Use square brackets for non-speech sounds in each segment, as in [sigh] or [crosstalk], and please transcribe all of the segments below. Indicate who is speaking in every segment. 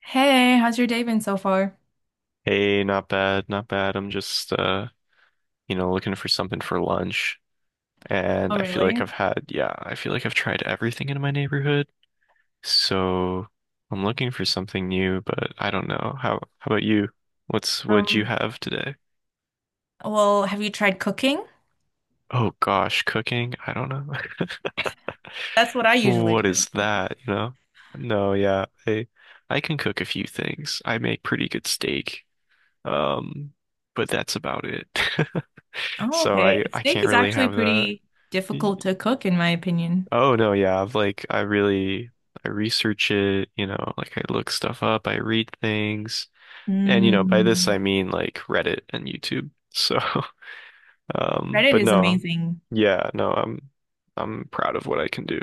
Speaker 1: Hey, how's your day been so far?
Speaker 2: Hey, not bad, not bad. I'm just looking for something for lunch.
Speaker 1: Oh,
Speaker 2: And I feel like
Speaker 1: really?
Speaker 2: I've had, yeah, I feel like I've tried everything in my neighborhood. So I'm looking for something new, but I don't know. How about you? What'd you
Speaker 1: Um,
Speaker 2: have today?
Speaker 1: well, have you tried cooking?
Speaker 2: Oh gosh, cooking? I don't know. [laughs]
Speaker 1: That's what I usually
Speaker 2: What
Speaker 1: do.
Speaker 2: is that? No, yeah. I can cook a few things. I make pretty good steak. Um, but that's about it. [laughs]
Speaker 1: Oh,
Speaker 2: So
Speaker 1: okay.
Speaker 2: I
Speaker 1: Steak
Speaker 2: can't
Speaker 1: is
Speaker 2: really
Speaker 1: actually
Speaker 2: have that.
Speaker 1: pretty difficult to cook, in my opinion.
Speaker 2: Oh no, yeah. I've like I really I research it, like I look stuff up, I read things. And you know, by this
Speaker 1: Mm.
Speaker 2: I mean like Reddit and YouTube. So, [laughs]
Speaker 1: Reddit
Speaker 2: but
Speaker 1: is
Speaker 2: no.
Speaker 1: amazing.
Speaker 2: Yeah, no, I'm proud of what I can do.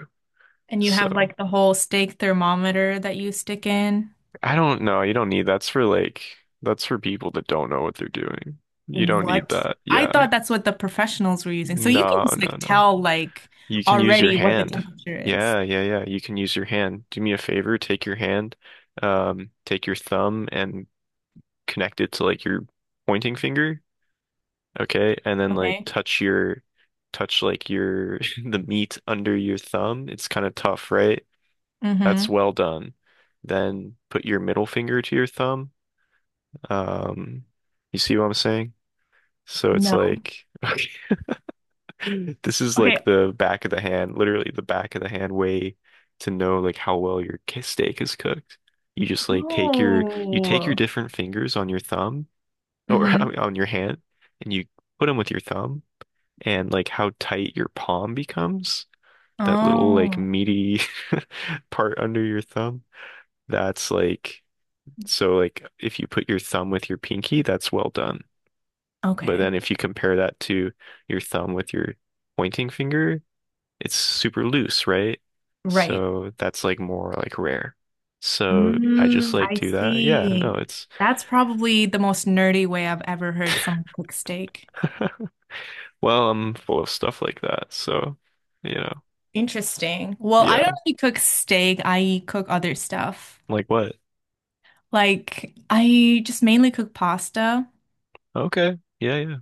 Speaker 1: And you
Speaker 2: So,
Speaker 1: have like the whole steak thermometer that you stick in.
Speaker 2: I don't know, you don't need that's for like that's for people that don't know what they're doing. You don't need
Speaker 1: What?
Speaker 2: that.
Speaker 1: I
Speaker 2: Yeah.
Speaker 1: thought that's what the professionals were using, so you can
Speaker 2: No,
Speaker 1: just like
Speaker 2: no, no.
Speaker 1: tell like
Speaker 2: You can use your
Speaker 1: already what the
Speaker 2: hand.
Speaker 1: temperature is.
Speaker 2: Yeah, yeah, yeah. You can use your hand. Do me a favor, take your hand, take your thumb and connect it to like your pointing finger. Okay, and then like
Speaker 1: Okay.
Speaker 2: touch your touch like your [laughs] the meat under your thumb. It's kind of tough, right? That's
Speaker 1: Mm-hmm.
Speaker 2: well done. Then put your middle finger to your thumb. Um, you see what I'm saying? So it's
Speaker 1: No.
Speaker 2: like [laughs] [laughs] this is like
Speaker 1: Okay.
Speaker 2: the back of the hand, literally the back of the hand way to know like how well your k- steak is cooked. You just like take your you take your
Speaker 1: Oh.
Speaker 2: different fingers on your thumb or [laughs] I mean, on your hand and you put them with your thumb and like how tight your palm becomes, that little like
Speaker 1: Oh,
Speaker 2: meaty [laughs] part under your thumb. That's like so like if you put your thumb with your pinky, that's well done. But then
Speaker 1: okay.
Speaker 2: if you compare that to your thumb with your pointing finger, it's super loose, right?
Speaker 1: Right.
Speaker 2: So that's like more like rare. So I just
Speaker 1: Mm,
Speaker 2: like
Speaker 1: I
Speaker 2: do that. Yeah, no,
Speaker 1: see.
Speaker 2: it's
Speaker 1: That's probably the most nerdy way I've ever heard someone cook steak.
Speaker 2: [laughs] well, I'm full of stuff like that. So, you know,
Speaker 1: Interesting. Well, I don't
Speaker 2: yeah.
Speaker 1: really cook steak. I cook other stuff.
Speaker 2: Like what?
Speaker 1: Like I just mainly cook pasta.
Speaker 2: Okay. Yeah, yeah.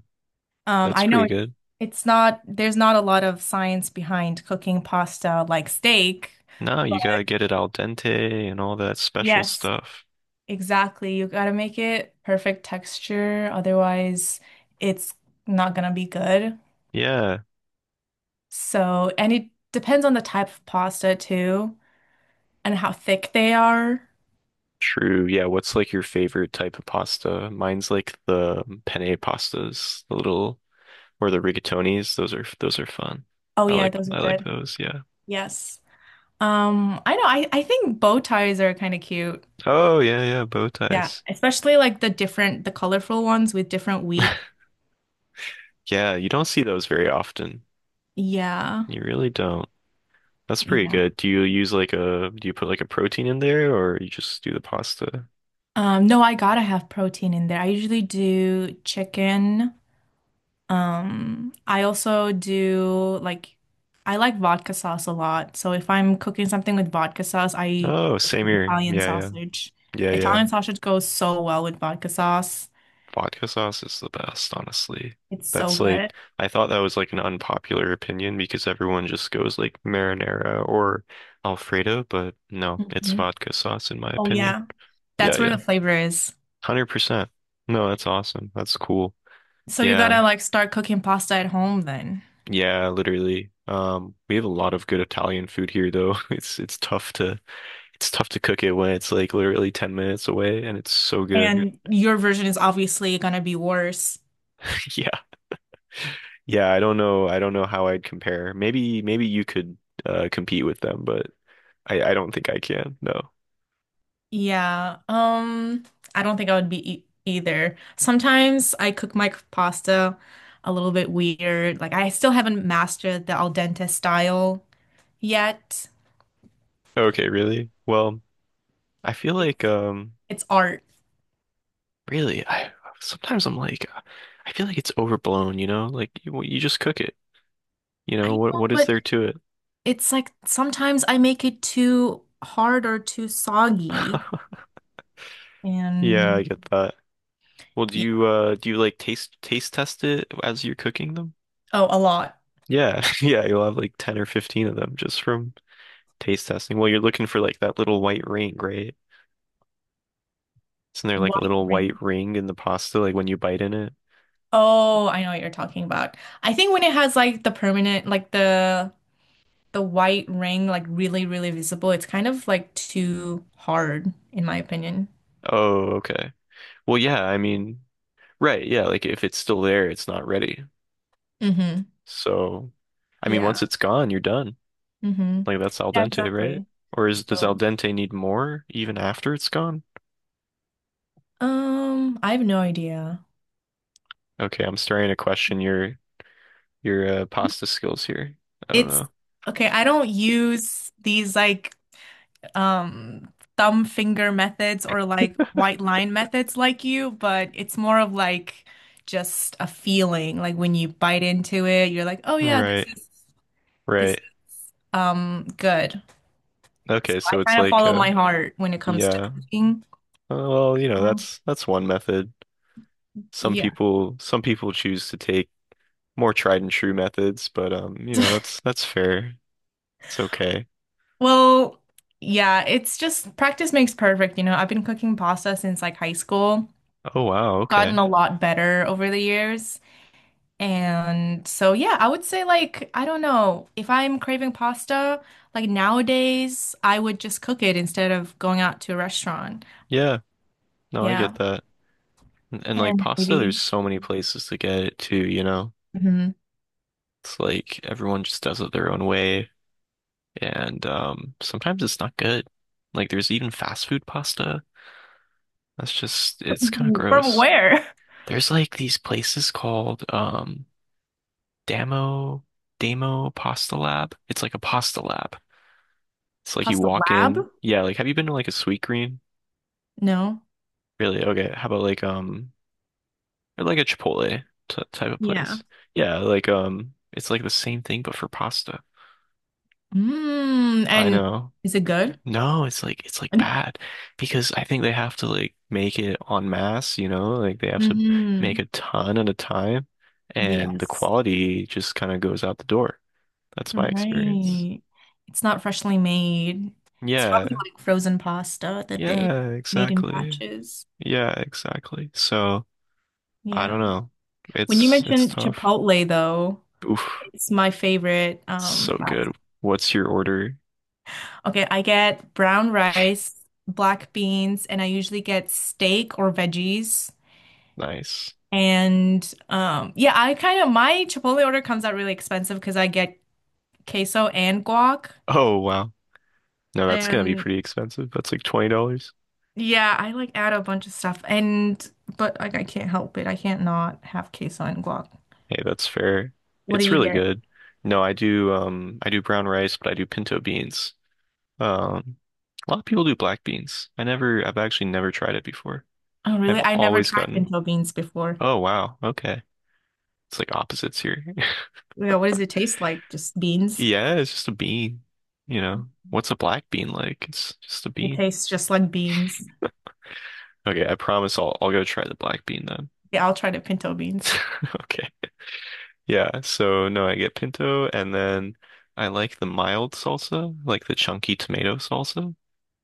Speaker 2: That's
Speaker 1: I know
Speaker 2: pretty
Speaker 1: it,
Speaker 2: good.
Speaker 1: it's not, there's not a lot of science behind cooking pasta like steak,
Speaker 2: No, you gotta
Speaker 1: but
Speaker 2: get it al dente and all that special
Speaker 1: yes,
Speaker 2: stuff.
Speaker 1: exactly. You gotta make it perfect texture, otherwise it's not gonna be good.
Speaker 2: Yeah.
Speaker 1: So, and it depends on the type of pasta too and how thick they are.
Speaker 2: True. Yeah, what's like your favorite type of pasta? Mine's like the penne pastas, the little or the rigatonis. Those are fun.
Speaker 1: Oh
Speaker 2: I
Speaker 1: yeah,
Speaker 2: like
Speaker 1: those are
Speaker 2: I like
Speaker 1: good.
Speaker 2: those, yeah.
Speaker 1: Yes. I know, I think bow ties are kind of cute.
Speaker 2: Oh yeah, yeah, bow
Speaker 1: Yeah,
Speaker 2: ties.
Speaker 1: especially like the different, the colorful ones with different wheat.
Speaker 2: [laughs] Yeah, you don't see those very often.
Speaker 1: Yeah.
Speaker 2: You really don't. That's pretty
Speaker 1: Yeah.
Speaker 2: good. Do you use like a, do you put like a protein in there or you just do the pasta?
Speaker 1: No, I gotta have protein in there. I usually do chicken. I also do like I like vodka sauce a lot. So if I'm cooking something with vodka sauce, I put
Speaker 2: Oh, same
Speaker 1: in
Speaker 2: here.
Speaker 1: Italian
Speaker 2: Yeah, yeah.
Speaker 1: sausage.
Speaker 2: Yeah, yeah.
Speaker 1: Italian sausage goes so well with vodka sauce.
Speaker 2: Vodka sauce is the best, honestly.
Speaker 1: It's so
Speaker 2: That's
Speaker 1: good.
Speaker 2: like, I thought that was like an unpopular opinion because everyone just goes like marinara or Alfredo, but no, it's
Speaker 1: Hmm.
Speaker 2: vodka sauce in my
Speaker 1: Oh
Speaker 2: opinion.
Speaker 1: yeah.
Speaker 2: Yeah,
Speaker 1: That's where
Speaker 2: yeah.
Speaker 1: the flavor is.
Speaker 2: 100%. No, that's awesome. That's cool.
Speaker 1: So you
Speaker 2: Yeah.
Speaker 1: gotta like start cooking pasta at home then.
Speaker 2: Yeah, literally. We have a lot of good Italian food here though. [laughs] It's tough to it's tough to cook it when it's like literally 10 minutes away and it's so good.
Speaker 1: And your version is obviously gonna be worse.
Speaker 2: [laughs] Yeah. Yeah, I don't know. I don't know how I'd compare. Maybe you could compete with them, but I don't think I can. No.
Speaker 1: Yeah, I don't think I would be e either. Sometimes I cook my pasta a little bit weird. Like I still haven't mastered the al dente style yet.
Speaker 2: Okay, really? Well, I feel like
Speaker 1: It's it's art.
Speaker 2: really I sometimes I'm like I feel like it's overblown, you know? Like you just cook it. You
Speaker 1: I
Speaker 2: know,
Speaker 1: know,
Speaker 2: what is
Speaker 1: but
Speaker 2: there to it?
Speaker 1: it's like sometimes I make it too hard or too soggy.
Speaker 2: [laughs] Yeah, I
Speaker 1: And
Speaker 2: get that. Well,
Speaker 1: yeah,
Speaker 2: do you like taste test it as you're cooking them?
Speaker 1: oh, a lot.
Speaker 2: Yeah, [laughs] yeah, you'll have like 10 or 15 of them just from taste testing. Well, you're looking for like that little white ring, right? Isn't there like a
Speaker 1: White
Speaker 2: little
Speaker 1: ring.
Speaker 2: white ring in the pasta like when you bite in it?
Speaker 1: Oh, I know what you're talking about. I think when it has like the permanent, like the white ring like really, really visible, it's kind of like too hard, in my opinion.
Speaker 2: Oh, okay. Well, yeah, I mean, right, yeah, like if it's still there, it's not ready.
Speaker 1: Mm-hmm.
Speaker 2: So, I mean, once
Speaker 1: Yeah.
Speaker 2: it's gone, you're done.
Speaker 1: Mm-hmm.
Speaker 2: Like that's al
Speaker 1: Yeah,
Speaker 2: dente, right?
Speaker 1: exactly.
Speaker 2: Or is does al
Speaker 1: So,
Speaker 2: dente need more even after it's gone?
Speaker 1: I have no idea.
Speaker 2: Okay, I'm starting to question your pasta skills here. I don't
Speaker 1: It's
Speaker 2: know.
Speaker 1: okay. I don't use these like um thumb finger methods or like white line methods like you, but it's more of like just a feeling. Like when you bite into it, you're like, oh yeah, this
Speaker 2: Right,
Speaker 1: is this is,
Speaker 2: right.
Speaker 1: um good. So
Speaker 2: Okay,
Speaker 1: I
Speaker 2: so it's
Speaker 1: kind of
Speaker 2: like
Speaker 1: follow my heart when it comes to
Speaker 2: yeah.
Speaker 1: cooking.
Speaker 2: Well, you know,
Speaker 1: And
Speaker 2: that's one method. Some
Speaker 1: yeah.
Speaker 2: people some people choose to take more tried and true methods, but you know, that's fair. It's okay.
Speaker 1: Well, yeah, it's just practice makes perfect. You know, I've been cooking pasta since like high school,
Speaker 2: Oh wow, okay.
Speaker 1: gotten a lot better over the years. And so, yeah, I would say like, I don't know, if I'm craving pasta, like nowadays, I would just cook it instead of going out to a restaurant.
Speaker 2: Yeah. No, I
Speaker 1: Yeah.
Speaker 2: get that. And like
Speaker 1: And
Speaker 2: pasta, there's
Speaker 1: maybe
Speaker 2: so many places to get it too, you know.
Speaker 1: mhm.
Speaker 2: It's like everyone just does it their own way. And sometimes it's not good. Like there's even fast food pasta. That's just it's kind of
Speaker 1: [laughs] From
Speaker 2: gross.
Speaker 1: where?
Speaker 2: There's like these places called Damo Damo Pasta Lab. It's like a pasta lab. It's like you
Speaker 1: Pasta
Speaker 2: walk in.
Speaker 1: Lab?
Speaker 2: Yeah, like have you been to like a Sweetgreen?
Speaker 1: No.
Speaker 2: Really? Okay. How about like or like a Chipotle t type of
Speaker 1: Yeah.
Speaker 2: place? Yeah, like it's like the same thing but for pasta.
Speaker 1: Mm,
Speaker 2: I
Speaker 1: and
Speaker 2: know.
Speaker 1: is it good?
Speaker 2: No, it's like
Speaker 1: [laughs]
Speaker 2: bad because I think they have to like make it en masse, you know, like they have to make
Speaker 1: hmm.
Speaker 2: a ton at a time and the
Speaker 1: Yes.
Speaker 2: quality just kind of goes out the door. That's my experience.
Speaker 1: Right. It's not freshly made. It's probably
Speaker 2: Yeah.
Speaker 1: like frozen pasta that they
Speaker 2: Yeah,
Speaker 1: made in
Speaker 2: exactly.
Speaker 1: batches.
Speaker 2: Yeah, exactly. So, I
Speaker 1: Yeah.
Speaker 2: don't know.
Speaker 1: When you
Speaker 2: It's
Speaker 1: mentioned
Speaker 2: tough.
Speaker 1: Chipotle, though,
Speaker 2: Oof.
Speaker 1: it's my favorite
Speaker 2: So
Speaker 1: fast-
Speaker 2: good. What's your order?
Speaker 1: Okay, I get brown rice, black beans, and I usually get steak or veggies.
Speaker 2: Nice.
Speaker 1: And yeah, I kind of my Chipotle order comes out really expensive because I get queso and guac.
Speaker 2: Oh, wow. No, that's gonna be
Speaker 1: And
Speaker 2: pretty expensive. That's like $20.
Speaker 1: yeah, I like add a bunch of stuff and but like I can't help it. I can't not have queso and guac.
Speaker 2: Hey, that's fair.
Speaker 1: What do
Speaker 2: It's
Speaker 1: you
Speaker 2: really
Speaker 1: get?
Speaker 2: good. No, I do brown rice, but I do pinto beans. Um a lot of people do black beans. I never I've actually never tried it before.
Speaker 1: Oh,
Speaker 2: I've
Speaker 1: really? I never
Speaker 2: always
Speaker 1: tried
Speaker 2: gotten.
Speaker 1: pinto beans before.
Speaker 2: Oh wow, okay. It's like opposites here. [laughs]
Speaker 1: Yeah, what does it taste like? Just beans?
Speaker 2: Yeah, it's just a bean, you know. What's a black bean like? It's just a
Speaker 1: It
Speaker 2: bean.
Speaker 1: tastes just like beans.
Speaker 2: Okay, I promise I'll go try the black bean then.
Speaker 1: Yeah, I'll try the pinto beans.
Speaker 2: [laughs] Okay. Yeah, so no, I get pinto and then I like the mild salsa, like the chunky tomato salsa.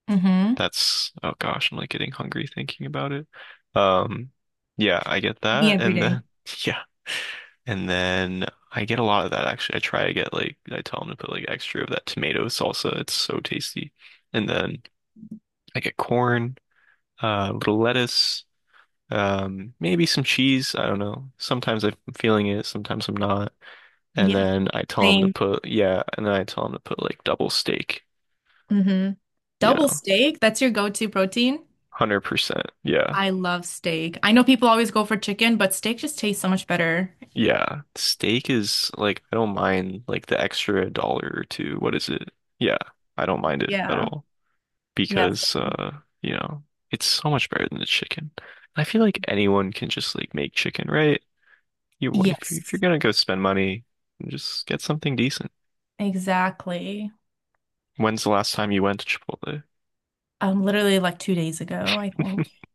Speaker 1: Mm-hmm.
Speaker 2: That's, oh gosh, I'm like getting hungry thinking about it. Um, yeah, I get
Speaker 1: Me
Speaker 2: that.
Speaker 1: every
Speaker 2: And then,
Speaker 1: day.
Speaker 2: [laughs] yeah. And then I get a lot of that actually. I try to get like, I tell them to put like extra of that tomato salsa. It's so tasty. And then I get corn, a little lettuce, maybe some cheese. I don't know. Sometimes I'm feeling it, sometimes I'm not. And
Speaker 1: Yeah,
Speaker 2: then I tell them to
Speaker 1: same.
Speaker 2: put, yeah. And then I tell them to put like double steak,
Speaker 1: Mm-hmm.
Speaker 2: you
Speaker 1: Double
Speaker 2: know,
Speaker 1: steak, that's your go-to protein?
Speaker 2: 100%. Yeah.
Speaker 1: I love steak. I know people always go for chicken, but steak just tastes so much better.
Speaker 2: Yeah. Steak is like I don't mind like the extra dollar or two. What is it? Yeah, I don't mind it at
Speaker 1: Yeah.
Speaker 2: all
Speaker 1: Yes.
Speaker 2: because you know, it's so much better than the chicken. I feel like anyone can just like make chicken, right? You when if you, if you're
Speaker 1: Yes.
Speaker 2: gonna go spend money, just get something decent.
Speaker 1: Exactly.
Speaker 2: When's the last time you went to Chipotle?
Speaker 1: Literally like 2 days ago, I think.
Speaker 2: [laughs]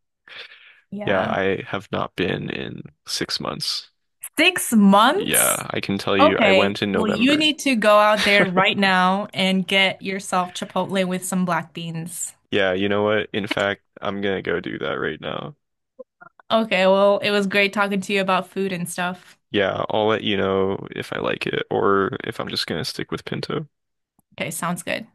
Speaker 2: Yeah,
Speaker 1: Yeah.
Speaker 2: I have not been in 6 months.
Speaker 1: Six
Speaker 2: Yeah,
Speaker 1: months?
Speaker 2: I can tell you I
Speaker 1: Okay.
Speaker 2: went in
Speaker 1: Well, you
Speaker 2: November.
Speaker 1: need to go out there right now and get yourself Chipotle with some black beans.
Speaker 2: Yeah, you know what? In fact, I'm gonna go do that right now.
Speaker 1: Okay, well, it was great talking to you about food and stuff.
Speaker 2: Yeah, I'll let you know if I like it or if I'm just gonna stick with Pinto.
Speaker 1: Okay, sounds good.